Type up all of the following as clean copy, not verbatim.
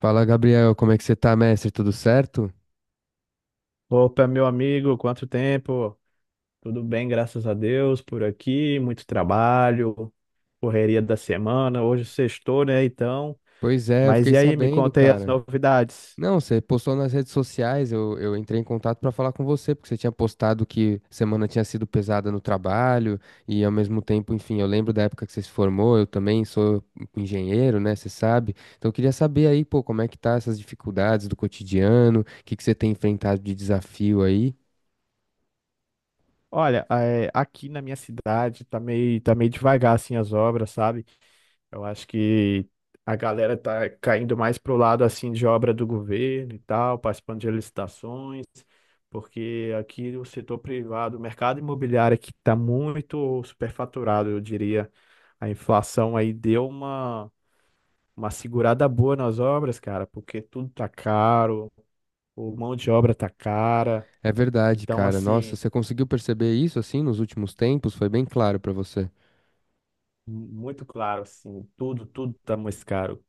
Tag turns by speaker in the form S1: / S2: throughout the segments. S1: Fala, Gabriel, como é que você tá, mestre? Tudo certo?
S2: Opa, meu amigo, quanto tempo? Tudo bem, graças a Deus, por aqui, muito trabalho, correria da semana, hoje sextou, né, então.
S1: Pois é, eu
S2: Mas
S1: fiquei
S2: e aí, me
S1: sabendo,
S2: conta aí as
S1: cara.
S2: novidades.
S1: Não, você postou nas redes sociais, eu entrei em contato pra falar com você, porque você tinha postado que semana tinha sido pesada no trabalho, e ao mesmo tempo, enfim, eu lembro da época que você se formou, eu também sou engenheiro, né, você sabe? Então eu queria saber aí, pô, como é que tá essas dificuldades do cotidiano, o que que você tem enfrentado de desafio aí?
S2: Olha, é, aqui na minha cidade tá meio devagar, assim, as obras, sabe? Eu acho que a galera tá caindo mais pro lado assim de obra do governo e tal, participando de licitações, porque aqui o setor privado, o mercado imobiliário aqui está muito superfaturado, eu diria. A inflação aí deu uma segurada boa nas obras, cara, porque tudo tá caro, o mão de obra tá cara.
S1: É verdade,
S2: Então,
S1: cara. Nossa,
S2: assim,
S1: você conseguiu perceber isso assim nos últimos tempos? Foi bem claro pra você.
S2: muito claro, assim, tudo tá mais caro.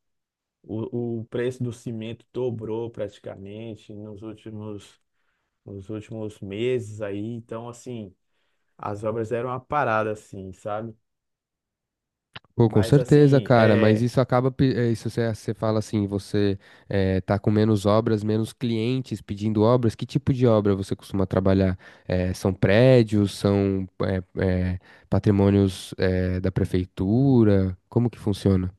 S2: O preço do cimento dobrou praticamente nos últimos meses aí. Então, assim, as obras eram uma parada, assim, sabe?
S1: Pô, com
S2: Mas,
S1: certeza,
S2: assim,
S1: cara, mas
S2: é...
S1: isso acaba, isso você fala assim, você tá com menos obras, menos clientes pedindo obras, que tipo de obra você costuma trabalhar? São prédios, são eh, patrimônios da prefeitura? Como que funciona?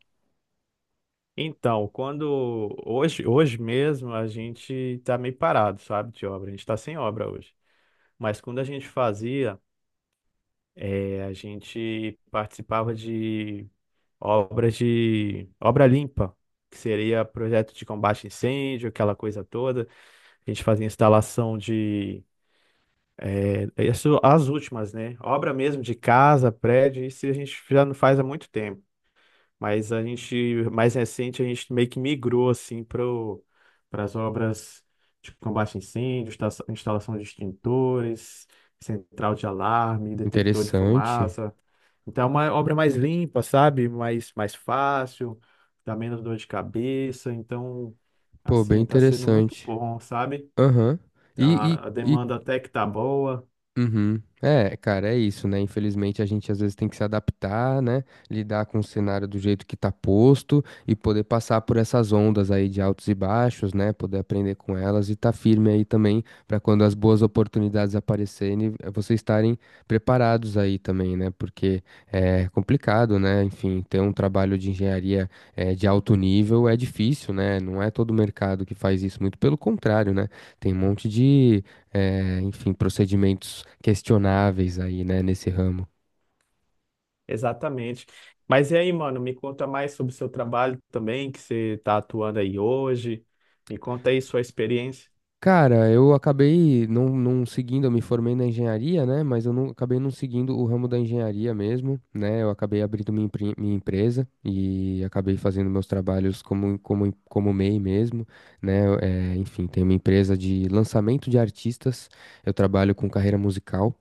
S2: Então, quando... Hoje, hoje mesmo, a gente tá meio parado, sabe, de obra. A gente tá sem obra hoje. Mas quando a gente fazia, é, a gente participava de obras de... Obra limpa, que seria projeto de combate a incêndio, aquela coisa toda. A gente fazia instalação de. Isso, as últimas, né? Obra mesmo de casa, prédio, isso a gente já não faz há muito tempo. Mas a gente, mais recente, a gente meio que migrou assim para as obras de combate a incêndio, instalação de extintores, central de alarme, detector de
S1: Interessante.
S2: fumaça. Então é uma obra mais limpa, sabe? Mais fácil, dá menos dor de cabeça. Então,
S1: Pô, bem
S2: assim, tá sendo muito
S1: interessante.
S2: bom, sabe?
S1: Aham. E,
S2: A
S1: e, e
S2: demanda até que tá boa.
S1: Uhum. É, cara, é isso, né? Infelizmente a gente às vezes tem que se adaptar, né? Lidar com o cenário do jeito que tá posto e poder passar por essas ondas aí de altos e baixos, né? Poder aprender com elas e tá firme aí também pra quando as boas oportunidades aparecerem, vocês estarem preparados aí também, né? Porque é complicado, né? Enfim, ter um trabalho de engenharia de alto nível é difícil, né? Não é todo mercado que faz isso, muito pelo contrário, né? Tem um monte de enfim, procedimentos questionáveis aí, né, nesse ramo.
S2: Exatamente. Mas e aí, mano, me conta mais sobre o seu trabalho também, que você tá atuando aí hoje. Me conta aí sua experiência.
S1: Cara, eu acabei não seguindo, eu me formei na engenharia, né? Mas eu não, acabei não seguindo o ramo da engenharia mesmo, né? Eu acabei abrindo minha, minha empresa e acabei fazendo meus trabalhos como MEI mesmo, né? É, enfim, tenho uma empresa de lançamento de artistas, eu trabalho com carreira musical.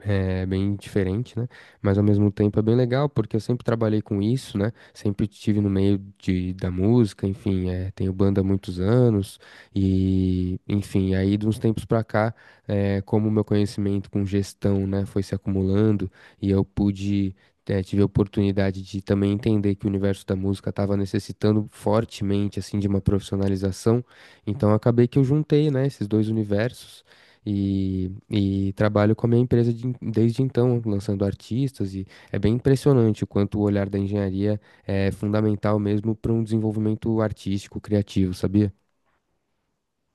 S1: É bem diferente, né? Mas ao mesmo tempo é bem legal, porque eu sempre trabalhei com isso, né? Sempre estive no meio de, da música, enfim, é, tenho banda há muitos anos, e enfim, aí de uns tempos pra cá, é, como o meu conhecimento com gestão, né, foi se acumulando, e eu pude, é, tive a oportunidade de também entender que o universo da música estava necessitando fortemente, assim, de uma profissionalização, então acabei que eu juntei, né, esses dois universos. E trabalho com a minha empresa desde então, lançando artistas, e é bem impressionante o quanto o olhar da engenharia é fundamental mesmo para um desenvolvimento artístico, criativo, sabia?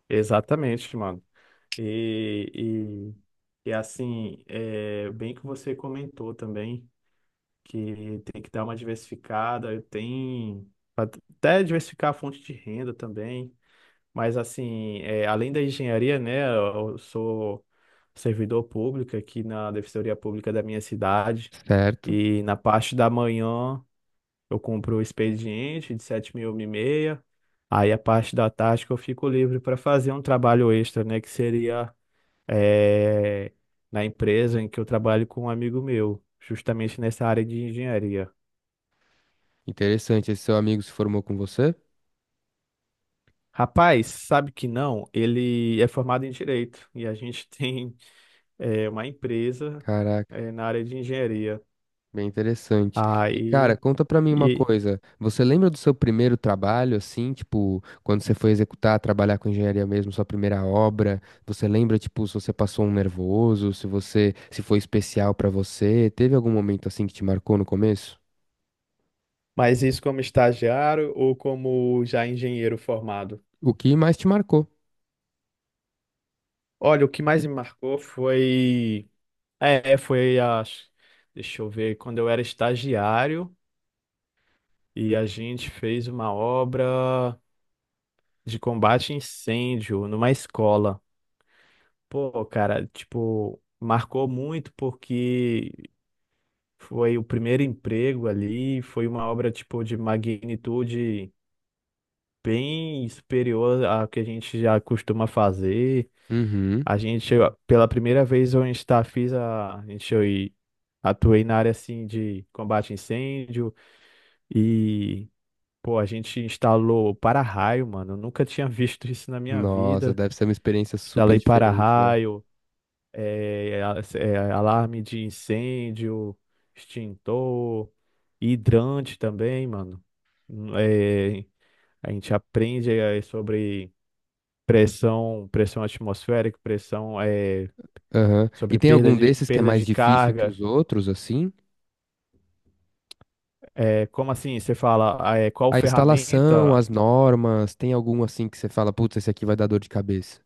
S2: Exatamente, mano. E, e, e assim, bem que você comentou também que tem que dar uma diversificada, tem até diversificar a fonte de renda também. Mas assim, além da engenharia, né, eu sou servidor público aqui na Defensoria Pública da minha cidade.
S1: Certo?
S2: E na parte da manhã eu cumpro o expediente de 7.000 e meia. Aí a parte da tarde que eu fico livre para fazer um trabalho extra, né, que seria é, na empresa em que eu trabalho com um amigo meu, justamente nessa área de engenharia.
S1: Interessante. Esse seu amigo se formou com você?
S2: Rapaz, sabe que não? Ele é formado em direito e a gente tem uma empresa
S1: Caraca.
S2: na área de engenharia.
S1: Bem interessante. E, cara,
S2: Aí,
S1: conta pra mim uma
S2: e,
S1: coisa. Você lembra do seu primeiro trabalho, assim, tipo, quando você foi executar, trabalhar com engenharia mesmo, sua primeira obra? Você lembra, tipo, se você passou um nervoso, se você, se foi especial pra você? Teve algum momento assim que te marcou no começo?
S2: mas isso como estagiário ou como já engenheiro formado?
S1: O que mais te marcou?
S2: Olha, o que mais me marcou foi, foi a, deixa eu ver, quando eu era estagiário e a gente fez uma obra de combate a incêndio numa escola. Pô, cara, tipo, marcou muito porque foi o primeiro emprego ali, foi uma obra, tipo, de magnitude bem superior à que a gente já costuma fazer.
S1: Uhum.
S2: A gente, pela primeira vez, eu está fiz a gente, eu atuei na área, assim, de combate a incêndio e, pô, a gente instalou para-raio, mano, eu nunca tinha visto isso na minha
S1: Nossa,
S2: vida.
S1: deve ser uma experiência super
S2: Instalei
S1: diferente, né?
S2: para-raio, alarme de incêndio, extintor, hidrante também, mano. Hum, é, a gente aprende sobre pressão, pressão atmosférica, pressão
S1: Aham. E
S2: sobre
S1: tem
S2: perda
S1: algum
S2: de,
S1: desses que é
S2: perda
S1: mais
S2: de
S1: difícil que
S2: carga.
S1: os outros, assim?
S2: É, como assim? Você fala, qual
S1: A instalação,
S2: ferramenta
S1: as normas, tem algum assim que você fala, putz, esse aqui vai dar dor de cabeça?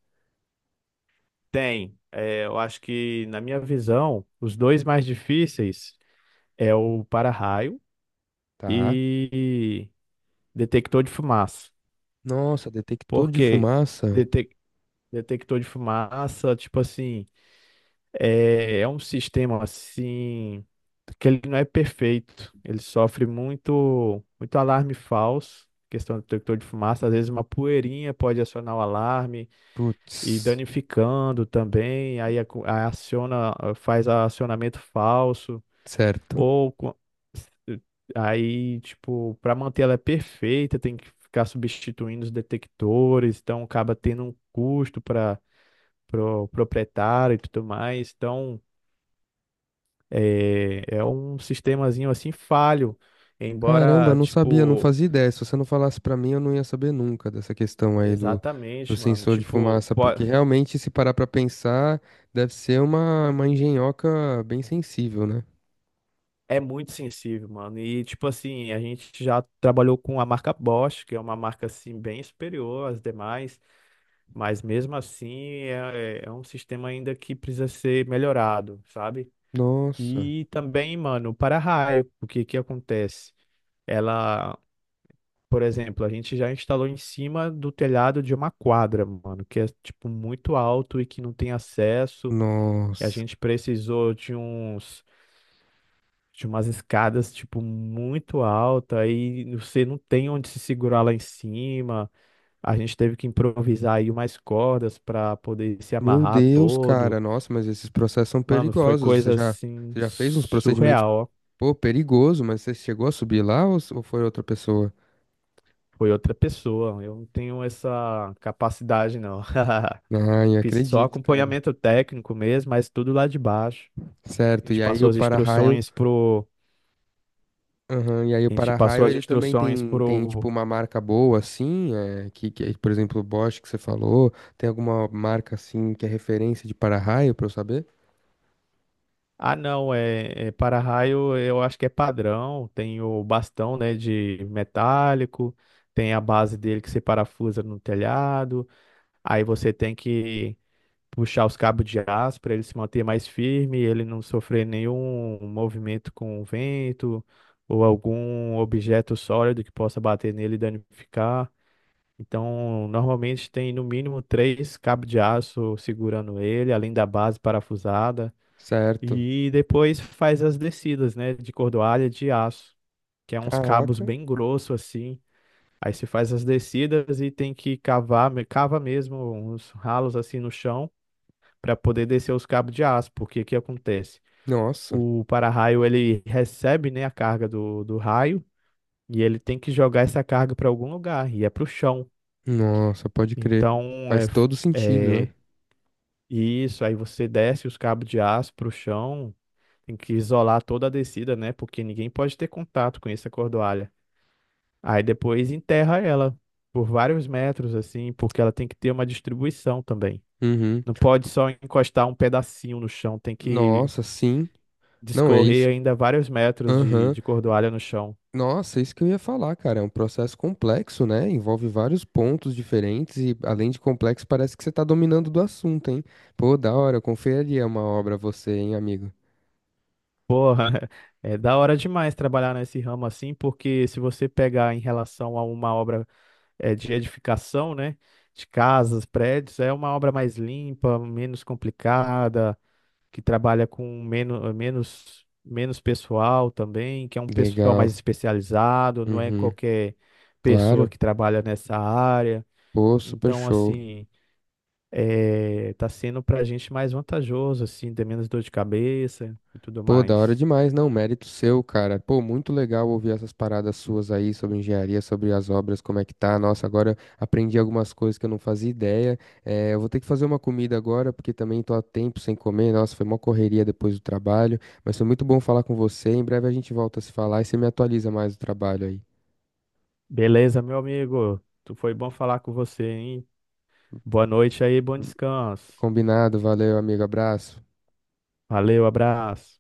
S2: tem? É, eu acho que, na minha visão, os dois mais difíceis é o para-raio
S1: Tá.
S2: e detector de fumaça.
S1: Nossa, detector de
S2: Porque
S1: fumaça?
S2: detec- detector de fumaça, tipo assim, é um sistema assim que ele não é perfeito. Ele sofre muito, muito alarme falso. Questão do detector de fumaça, às vezes uma poeirinha pode acionar o alarme e
S1: Putz,
S2: danificando também, aí aciona, faz acionamento falso.
S1: certo.
S2: Ou co- Aí, tipo, para manter ela é perfeita, tem que ficar substituindo os detectores, então acaba tendo um custo para o proprietário e tudo mais. Então, é um sistemazinho assim falho,
S1: Caramba,
S2: embora,
S1: não sabia, não
S2: tipo,
S1: fazia ideia. Se você não falasse pra mim, eu não ia saber nunca dessa questão aí do, do
S2: exatamente, mano,
S1: sensor de
S2: tipo,
S1: fumaça, porque realmente, se parar pra pensar, deve ser uma engenhoca bem sensível, né?
S2: é muito sensível, mano. E, tipo assim, a gente já trabalhou com a marca Bosch, que é uma marca, assim, bem superior às demais. Mas mesmo assim é um sistema ainda que precisa ser melhorado, sabe?
S1: Nossa,
S2: E também, mano, o para-raio, o que que acontece? Ela, por exemplo, a gente já instalou em cima do telhado de uma quadra, mano, que é tipo muito alto e que não tem acesso. E a
S1: nossa.
S2: gente precisou de umas escadas tipo muito alta e você não tem onde se segurar lá em cima. A gente teve que improvisar aí umas cordas para poder se
S1: Meu
S2: amarrar
S1: Deus, cara,
S2: todo.
S1: nossa, mas esses processos são
S2: Mano, foi
S1: perigosos.
S2: coisa assim
S1: Você já fez uns procedimentos,
S2: surreal, ó.
S1: pô, perigoso, mas você chegou a subir lá ou foi outra pessoa?
S2: Foi outra pessoa. Eu não tenho essa capacidade, não.
S1: Ai,
S2: Fiz só
S1: acredito, cara.
S2: acompanhamento técnico mesmo, mas tudo lá de baixo. A
S1: Certo,
S2: gente
S1: e aí
S2: passou
S1: o
S2: as
S1: para-raio,
S2: instruções pro.
S1: aham, e aí o
S2: A gente passou
S1: para-raio
S2: as
S1: ele também
S2: instruções
S1: tem, tem
S2: pro.
S1: tipo uma marca boa assim, é, que é, por exemplo, o Bosch que você falou, tem alguma marca assim que é referência de para-raio para eu saber?
S2: Ah, não, é, é para-raio, eu acho que é padrão. Tem o bastão, né, de metálico, tem a base dele que se parafusa no telhado. Aí você tem que puxar os cabos de aço para ele se manter mais firme, ele não sofrer nenhum movimento com o vento ou algum objeto sólido que possa bater nele e danificar. Então, normalmente tem no mínimo três cabos de aço segurando ele, além da base parafusada.
S1: Certo.
S2: E depois faz as descidas, né, de cordoalha de aço, que é uns cabos
S1: Caraca.
S2: bem grossos assim. Aí se faz as descidas e tem que cavar, cava mesmo uns ralos assim no chão para poder descer os cabos de aço, porque o que acontece?
S1: Nossa.
S2: O para-raio ele recebe, né, a carga do raio e ele tem que jogar essa carga para algum lugar e é para o chão.
S1: Nossa, pode crer.
S2: Então,
S1: Faz todo sentido, né?
S2: é isso. Aí você desce os cabos de aço para o chão, tem que isolar toda a descida, né, porque ninguém pode ter contato com essa cordoalha. Aí depois enterra ela por vários metros, assim, porque ela tem que ter uma distribuição também.
S1: Uhum.
S2: Não pode só encostar um pedacinho no chão, tem que
S1: Nossa, sim. Não, é
S2: descorrer
S1: isso.
S2: ainda vários metros de,
S1: Aham.
S2: de cordoalha no chão.
S1: Nossa, é isso que eu ia falar, cara. É um processo complexo, né? Envolve vários pontos diferentes e, além de complexo, parece que você tá dominando do assunto, hein? Pô, da hora, eu confiaria uma obra a você, hein, amigo?
S2: Porra, é da hora demais trabalhar nesse ramo assim, porque se você pegar em relação a uma obra de edificação, né, de casas, prédios, é uma obra mais limpa, menos complicada, que trabalha com menos, menos, menos pessoal também, que é um pessoal
S1: Legal.
S2: mais especializado, não é
S1: Uhum.
S2: qualquer pessoa
S1: Claro.
S2: que trabalha nessa área.
S1: Pô, super
S2: Então,
S1: show.
S2: assim, tá sendo pra gente mais vantajoso, assim, ter menos dor de cabeça e tudo
S1: Pô, da hora
S2: mais.
S1: demais, não, mérito seu, cara. Pô, muito legal ouvir essas paradas suas aí sobre engenharia, sobre as obras, como é que tá. Nossa, agora aprendi algumas coisas que eu não fazia ideia. Eu vou ter que fazer uma comida agora, porque também tô há tempo sem comer. Nossa, foi uma correria depois do trabalho, mas foi muito bom falar com você. Em breve a gente volta a se falar e você me atualiza mais do trabalho aí.
S2: Beleza, meu amigo. Tu foi bom falar com você, hein? Boa noite aí, bom descanso.
S1: Combinado, valeu, amigo, abraço.
S2: Valeu, abraço.